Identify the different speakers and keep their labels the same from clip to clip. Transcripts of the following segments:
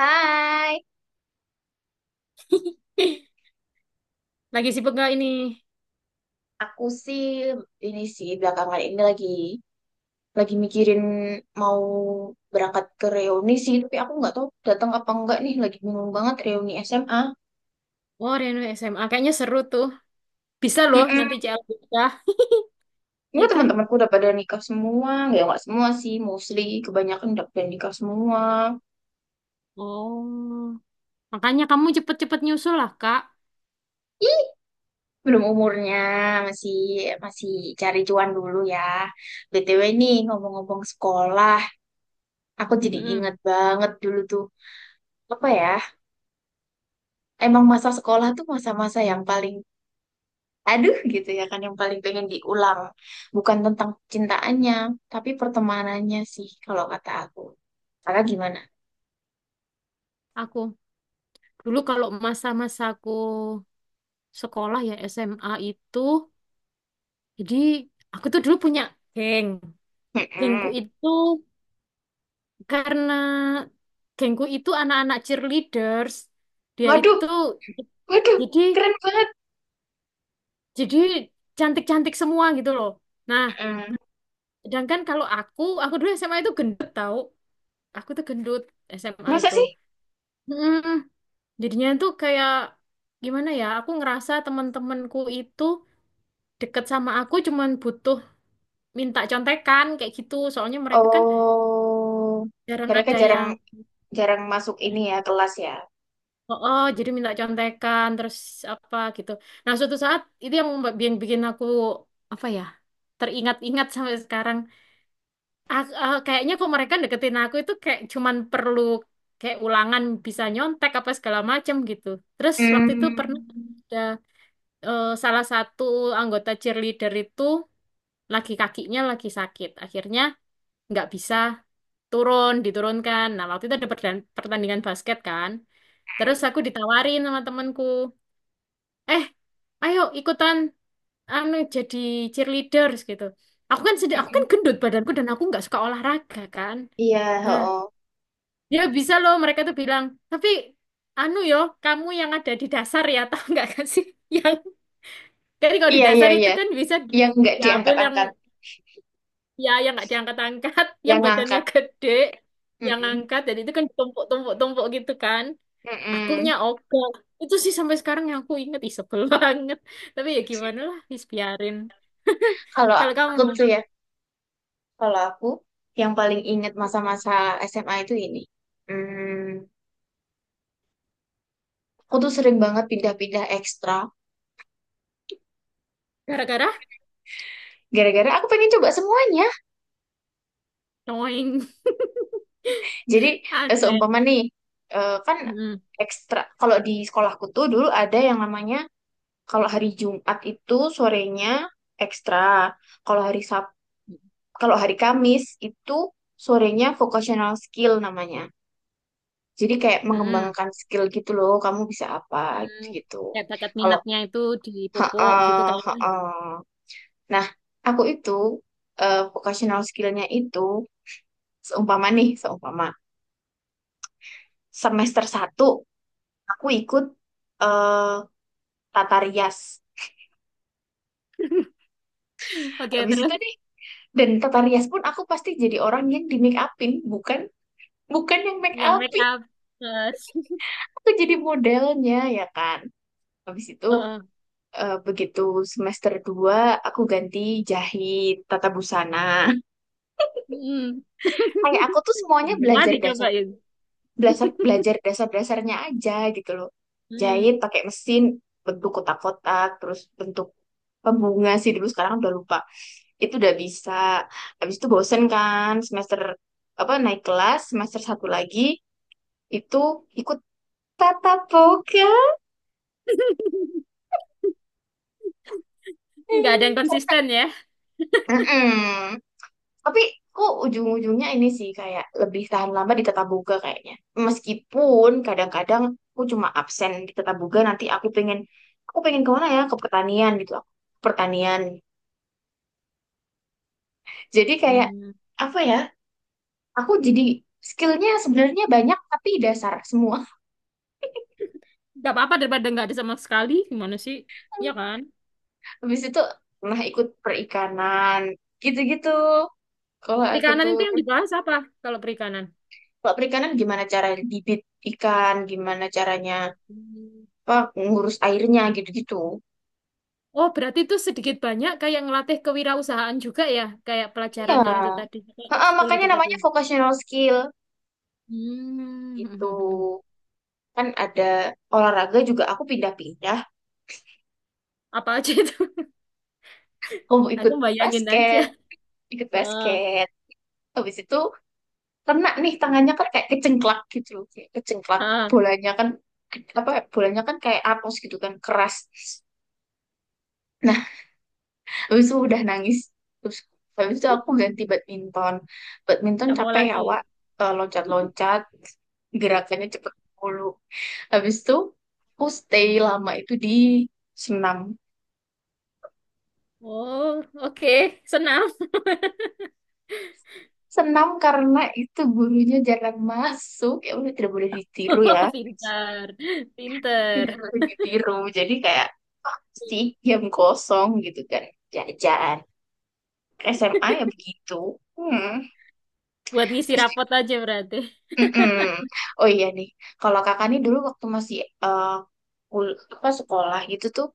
Speaker 1: Hai,
Speaker 2: Ih, lagi sibuk gak ini?
Speaker 1: aku sih ini sih belakangan ini lagi mikirin mau berangkat ke reuni sih, tapi aku nggak tahu datang apa enggak nih. Lagi bingung banget reuni SMA.
Speaker 2: Oh, Reno SMA. Kayaknya seru tuh. Bisa loh nanti
Speaker 1: Mm-mm.
Speaker 2: CL kita.
Speaker 1: Enggak,
Speaker 2: Ya kan?
Speaker 1: teman-temanku udah pada nikah semua, ya nggak semua sih, mostly kebanyakan udah pada nikah semua.
Speaker 2: Oh. Makanya kamu cepet-cepet nyusul lah, Kak.
Speaker 1: Ih, belum umurnya, masih masih cari cuan dulu ya. BTW nih, ngomong-ngomong sekolah, aku jadi
Speaker 2: Mm-mm.
Speaker 1: ingat banget dulu tuh, apa ya? Emang masa sekolah tuh masa-masa yang paling, aduh gitu ya kan, yang paling pengen diulang, bukan tentang cintaannya tapi pertemanannya sih kalau kata aku. Kakak gimana?
Speaker 2: Aku. Dulu kalau masa-masa aku sekolah ya SMA itu. Jadi, aku tuh dulu punya geng. Gengku
Speaker 1: Mm-mm.
Speaker 2: itu karena gengku itu anak-anak cheerleaders. Dia
Speaker 1: Waduh,
Speaker 2: itu
Speaker 1: waduh,
Speaker 2: jadi
Speaker 1: keren banget.
Speaker 2: jadi cantik-cantik semua gitu loh. Nah,
Speaker 1: Mm.
Speaker 2: sedangkan kalau aku dulu SMA itu gendut tau. Aku tuh gendut SMA
Speaker 1: Masa
Speaker 2: itu.
Speaker 1: sih?
Speaker 2: Mm, Jadinya tuh kayak gimana ya? Aku ngerasa teman-temanku itu deket sama aku cuman butuh minta contekan kayak gitu. Soalnya mereka kan
Speaker 1: Oh,
Speaker 2: jarang
Speaker 1: mereka
Speaker 2: ada
Speaker 1: jarang
Speaker 2: yang.
Speaker 1: jarang masuk ini ya, kelas ya.
Speaker 2: Oh, oh, jadi minta contekan terus apa gitu. Nah, suatu saat itu yang bikin aku apa ya? Teringat-ingat sampai sekarang. Kayaknya kok mereka deketin aku itu kayak cuman perlu kayak ulangan bisa nyontek apa segala macem gitu. Terus waktu itu pernah
Speaker 1: Hmm.
Speaker 2: ada salah satu anggota cheerleader itu lagi kakinya lagi sakit. Akhirnya nggak bisa turun, diturunkan. Nah, waktu itu ada pertandingan basket kan. Terus aku ditawarin sama temanku, eh ayo ikutan anu jadi cheerleaders gitu. Aku kan sedih, aku kan
Speaker 1: Mm-mm.
Speaker 2: gendut badanku dan aku nggak suka olahraga kan.
Speaker 1: Iya.
Speaker 2: Nah,
Speaker 1: Oh,
Speaker 2: ya bisa loh mereka tuh bilang, tapi anu yo, kamu yang ada di dasar ya, tahu nggak kan sih? Yang kan kalau di
Speaker 1: iya, iya,
Speaker 2: dasar itu
Speaker 1: iya,
Speaker 2: kan bisa
Speaker 1: yang nggak
Speaker 2: diambil yang
Speaker 1: diangkat-angkat,
Speaker 2: ya yang nggak diangkat-angkat, yang
Speaker 1: yang
Speaker 2: badannya
Speaker 1: ngangkat.
Speaker 2: gede, yang
Speaker 1: Mm-mm.
Speaker 2: angkat dan itu kan ditumpuk-tumpuk-tumpuk gitu kan. Akunya
Speaker 1: Mm-mm.
Speaker 2: oke. Itu sih sampai sekarang yang aku inget, ih sebel banget. Tapi ya gimana lah, wis biarin.
Speaker 1: Kalau
Speaker 2: Kalau kamu
Speaker 1: aku tuh ya, kalau aku yang paling ingat masa-masa SMA itu ini. Hmm, aku tuh sering banget pindah-pindah ekstra.
Speaker 2: gara-gara
Speaker 1: Gara-gara aku pengen coba semuanya.
Speaker 2: doing
Speaker 1: Jadi,
Speaker 2: aneh.
Speaker 1: seumpama nih, kan
Speaker 2: Mm-mm.
Speaker 1: ekstra. Kalau di sekolahku tuh dulu ada yang namanya, kalau hari Jumat itu sorenya ekstra. Kalau hari Sab, kalau hari Kamis itu sorenya vocational skill namanya. Jadi kayak
Speaker 2: Mm-mm.
Speaker 1: mengembangkan skill gitu loh. Kamu bisa apa
Speaker 2: Hmm,
Speaker 1: gitu.
Speaker 2: Kayak bakat
Speaker 1: Kalau,
Speaker 2: minatnya itu dipupuk gitu
Speaker 1: ha-ah,
Speaker 2: kan.
Speaker 1: ha-ah. Nah, aku itu, vocational skill-nya itu, seumpama nih, seumpama semester satu aku ikut eh tata rias.
Speaker 2: Oke,
Speaker 1: Habis itu
Speaker 2: terus
Speaker 1: nih, dan tata rias pun aku pasti jadi orang yang di make upin, bukan bukan yang make
Speaker 2: yang make
Speaker 1: upin.
Speaker 2: up. Terus,
Speaker 1: Aku jadi modelnya, ya kan. Habis itu,
Speaker 2: heeh.
Speaker 1: begitu semester 2 aku ganti jahit tata busana.
Speaker 2: Mm,
Speaker 1: Kayak aku tuh semuanya
Speaker 2: Semua
Speaker 1: belajar dasar,
Speaker 2: dicobain.
Speaker 1: belajar belajar dasar-dasarnya aja gitu loh. Jahit
Speaker 2: Hmm.
Speaker 1: pakai mesin bentuk kotak-kotak, terus bentuk pembunga sih dulu, sekarang udah lupa. Itu udah bisa. Habis itu bosen kan, semester apa, naik kelas semester satu lagi itu ikut tatap muka.
Speaker 2: Nggak ada yang konsisten ya.
Speaker 1: Mm-mm. Tapi kok ujung-ujungnya ini sih kayak lebih tahan lama di Tata Boga kayaknya. Meskipun kadang-kadang aku cuma absen di Tata Boga, nanti aku pengen ke mana ya, ke pertanian gitu aku. Ke Pertanian. Jadi kayak
Speaker 2: Hmm.
Speaker 1: apa ya? Aku jadi skillnya sebenarnya banyak tapi dasar semua.
Speaker 2: Nggak apa-apa daripada nggak ada sama sekali. Gimana sih? Ya kan?
Speaker 1: Habis itu pernah ikut perikanan gitu-gitu. Kalau aku
Speaker 2: Perikanan
Speaker 1: tuh,
Speaker 2: itu yang dibahas apa kalau perikanan?
Speaker 1: kalau perikanan gimana cara bibit ikan, gimana caranya,
Speaker 2: Hmm.
Speaker 1: apa, ngurus airnya gitu-gitu.
Speaker 2: Oh, berarti itu sedikit banyak kayak ngelatih kewirausahaan juga ya, kayak
Speaker 1: Iya.
Speaker 2: pelajaran yang itu tadi, kayak
Speaker 1: Heeh,
Speaker 2: ekskul
Speaker 1: makanya
Speaker 2: itu tadi.
Speaker 1: namanya vocational skill gitu.
Speaker 2: Hmm.
Speaker 1: Kan ada olahraga juga aku pindah-pindah.
Speaker 2: Apa aja itu?
Speaker 1: Kamu
Speaker 2: Aku
Speaker 1: ikut
Speaker 2: bayangin aja.
Speaker 1: basket, ikut
Speaker 2: Heeh,
Speaker 1: basket. Habis itu kena nih tangannya kan, kayak kecengklak gitu loh. Kayak kecengklak,
Speaker 2: heeh.
Speaker 1: bolanya kan, apa, bolanya kan kayak apus gitu kan, keras. Nah, habis itu udah nangis. Terus habis itu aku ganti badminton. Badminton
Speaker 2: Nggak mau
Speaker 1: capek ya,
Speaker 2: lagi.
Speaker 1: Wak. Loncat-loncat, gerakannya cepet mulu. Habis itu aku stay lama itu di senam.
Speaker 2: Oh, oke. Senam.
Speaker 1: Senam karena itu gurunya jarang masuk. Ya udah, tidak boleh ditiru ya.
Speaker 2: Pinter,
Speaker 1: Tidak
Speaker 2: pinter.
Speaker 1: boleh ditiru. Jadi kayak pasti jam kosong gitu kan. Jajan. SMA ya begitu. Hmm.
Speaker 2: Buat ngisi
Speaker 1: Terus.
Speaker 2: rapot aja berarti.
Speaker 1: Mm-mm. Oh iya nih, kalau kakak nih dulu waktu masih, eh, apa sekolah gitu tuh,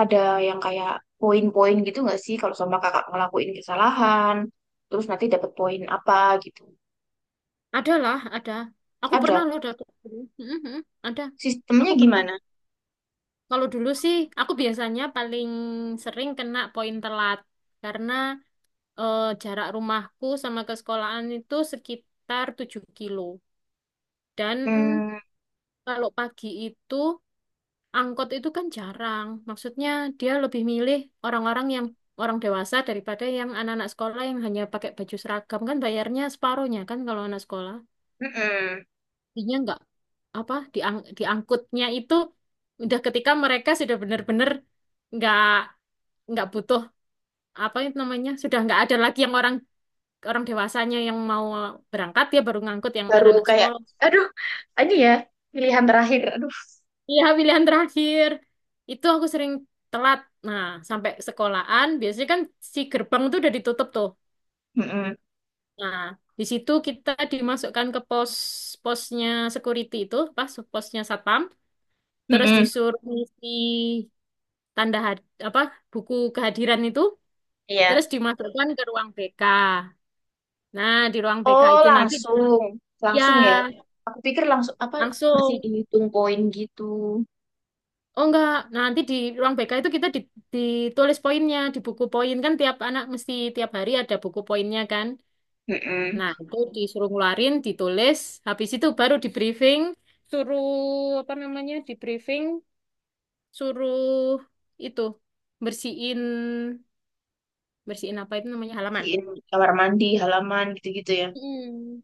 Speaker 1: ada yang kayak poin-poin gitu nggak sih, kalau sama kakak ngelakuin kesalahan, terus nanti dapat poin apa gitu.
Speaker 2: Ada lah, ada. Aku
Speaker 1: Ada.
Speaker 2: pernah loh daftar dulu. Mhm, ada.
Speaker 1: Sistemnya
Speaker 2: Aku pernah.
Speaker 1: gimana?
Speaker 2: Kalau dulu sih, aku biasanya paling sering kena poin telat. Karena jarak rumahku sama ke sekolahan itu sekitar 7 kilo. Dan
Speaker 1: Hmm,
Speaker 2: kalau pagi itu angkot itu kan jarang. Maksudnya dia lebih milih orang-orang yang orang dewasa daripada yang anak-anak sekolah yang hanya pakai baju seragam kan bayarnya separuhnya kan kalau anak sekolah.
Speaker 1: mm-mm.
Speaker 2: Jadinya nggak apa diangkutnya itu udah ketika mereka sudah benar-benar nggak nggak butuh apa itu namanya sudah nggak ada lagi yang orang orang dewasanya yang mau berangkat dia baru ngangkut yang
Speaker 1: Baru
Speaker 2: anak-anak
Speaker 1: kayak,
Speaker 2: sekolah.
Speaker 1: aduh, ini ya pilihan terakhir. Aduh.
Speaker 2: Iya, pilihan terakhir. Itu aku sering telat. Nah, sampai sekolahan, biasanya kan si gerbang tuh udah ditutup tuh.
Speaker 1: Mm-mm.
Speaker 2: Nah, di situ kita dimasukkan ke posnya security itu, pas posnya satpam, terus
Speaker 1: Mm-mm.
Speaker 2: disuruh ngisi tanda had- apa buku kehadiran itu,
Speaker 1: Iya.
Speaker 2: terus dimasukkan ke ruang BK. Nah, di ruang BK
Speaker 1: Oh
Speaker 2: itu nanti,
Speaker 1: langsung,
Speaker 2: iya,
Speaker 1: langsung ya. Aku pikir langsung apa masih
Speaker 2: langsung.
Speaker 1: dihitung poin gitu.
Speaker 2: Oh enggak, nah nanti di ruang BK itu kita ditulis poinnya, di buku poin kan tiap anak mesti tiap hari ada buku poinnya kan.
Speaker 1: Mm-mm.
Speaker 2: Nah, itu disuruh ngeluarin, ditulis, habis itu baru di briefing, suruh apa namanya? Di briefing, suruh itu bersihin bersihin apa itu namanya halaman.
Speaker 1: Bersihin kamar mandi, halaman gitu-gitu ya.
Speaker 2: Hmm,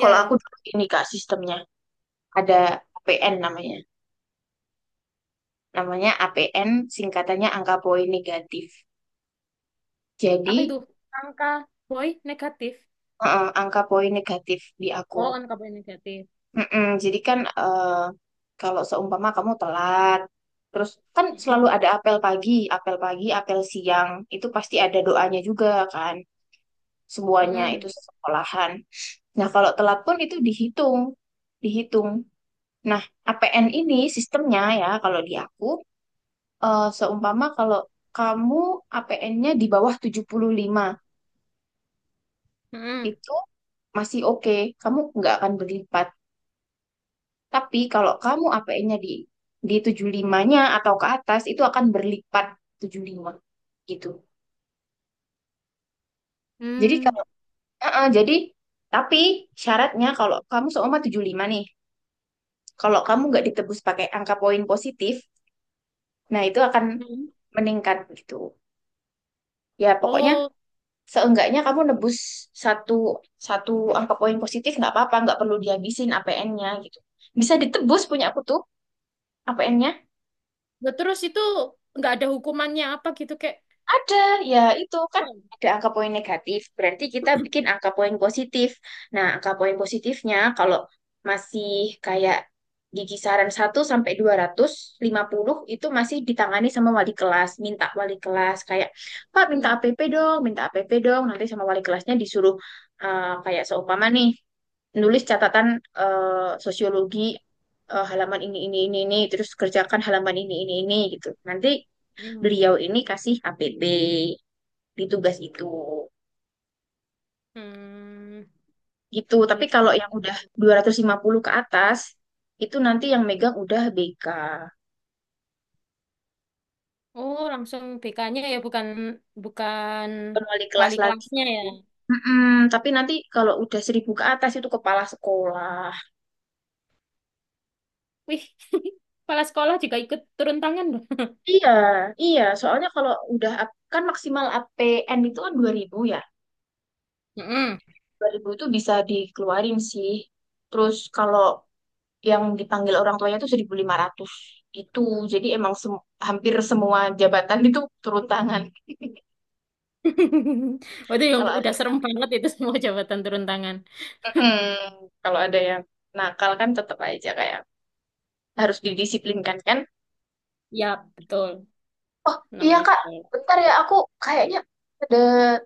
Speaker 1: Kalau aku dulu ini Kak, sistemnya ada APN namanya. Namanya APN, singkatannya angka poin negatif.
Speaker 2: Apa itu?
Speaker 1: Jadi,
Speaker 2: Angka boy negatif.
Speaker 1: angka poin negatif di aku.
Speaker 2: Oh, angka boy negatif.
Speaker 1: Mm-mm, jadi kan, kalau seumpama kamu telat, terus kan selalu
Speaker 2: Mm-mm.
Speaker 1: ada apel pagi, apel siang, itu pasti ada doanya juga kan. Semuanya itu
Speaker 2: Mm-mm.
Speaker 1: sekolahan. Nah, kalau telat pun itu dihitung. Nah, APN ini sistemnya ya kalau di aku, seumpama kalau kamu APN-nya di bawah 75
Speaker 2: Mm-mm.
Speaker 1: itu masih oke, kamu nggak akan berlipat. Tapi kalau kamu APN-nya di 75-nya atau ke atas itu akan berlipat 75 gitu. Jadi
Speaker 2: Mm.
Speaker 1: kalau, jadi, tapi syaratnya, kalau kamu seumpama 75 nih, kalau kamu nggak ditebus pakai angka poin positif, nah itu akan
Speaker 2: Mm-mm.
Speaker 1: meningkat gitu. Ya pokoknya
Speaker 2: Oh.
Speaker 1: seenggaknya kamu nebus satu, satu angka poin positif nggak apa-apa, nggak perlu dihabisin APN-nya gitu, bisa ditebus. Punya aku tuh APN-nya...
Speaker 2: Nah, terus itu nggak ada hukumannya apa gitu kayak.
Speaker 1: Ada, ya itu kan
Speaker 2: Oh,
Speaker 1: ada angka poin negatif, berarti kita bikin angka poin positif. Nah, angka poin positifnya kalau masih kayak di kisaran satu sampai 250 itu masih ditangani sama wali kelas, minta wali kelas kayak, Pak minta
Speaker 2: hmm.
Speaker 1: APP dong, minta APP dong, nanti sama wali kelasnya disuruh, kayak seumpama nih, nulis catatan, sosiologi, halaman ini terus kerjakan halaman ini gitu. Nanti
Speaker 2: Hmm.
Speaker 1: beliau ini kasih HPP di tugas itu.
Speaker 2: Hmm,
Speaker 1: Gitu. Tapi kalau
Speaker 2: gitu.
Speaker 1: yang udah 250 ke atas, itu nanti yang megang udah BK,
Speaker 2: Oh, langsung BK-nya ya bukan bukan
Speaker 1: bukan wali kelas
Speaker 2: wali
Speaker 1: lagi.
Speaker 2: kelasnya ya.
Speaker 1: Mm-mm, tapi nanti kalau udah 1000 ke atas itu kepala sekolah.
Speaker 2: Wih, kepala sekolah juga ikut turun tangan loh.
Speaker 1: Iya, iya. Soalnya kalau udah, kan maksimal APN itu kan 2000 ya.
Speaker 2: Mm-mm.
Speaker 1: 2000 itu bisa dikeluarin sih. Terus kalau yang dipanggil orang tuanya itu 1.500, itu jadi emang, hampir semua jabatan itu turun tangan
Speaker 2: Waduh, yang
Speaker 1: kalau ada.
Speaker 2: udah serem banget itu semua jabatan turun tangan.
Speaker 1: Mm-mm. Kalau ada yang nakal kan tetap aja kayak harus didisiplinkan kan.
Speaker 2: Ya, betul.
Speaker 1: Oh iya
Speaker 2: Namanya
Speaker 1: Kak,
Speaker 2: sekolah.
Speaker 1: bentar ya, aku kayaknya ada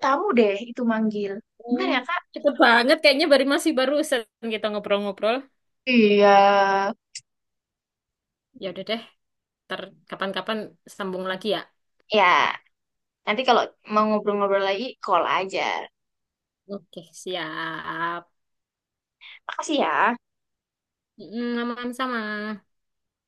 Speaker 1: tamu deh, itu manggil. Bentar
Speaker 2: Oh,
Speaker 1: ya Kak.
Speaker 2: cepet banget kayaknya baru masih barusan kita ngobrol-ngobrol.
Speaker 1: Iya,
Speaker 2: Ya udah deh, ntar kapan-kapan sambung lagi ya.
Speaker 1: ya, nanti kalau mau ngobrol-ngobrol lagi, call aja.
Speaker 2: Oke, siap.
Speaker 1: Makasih ya.
Speaker 2: Aman sama.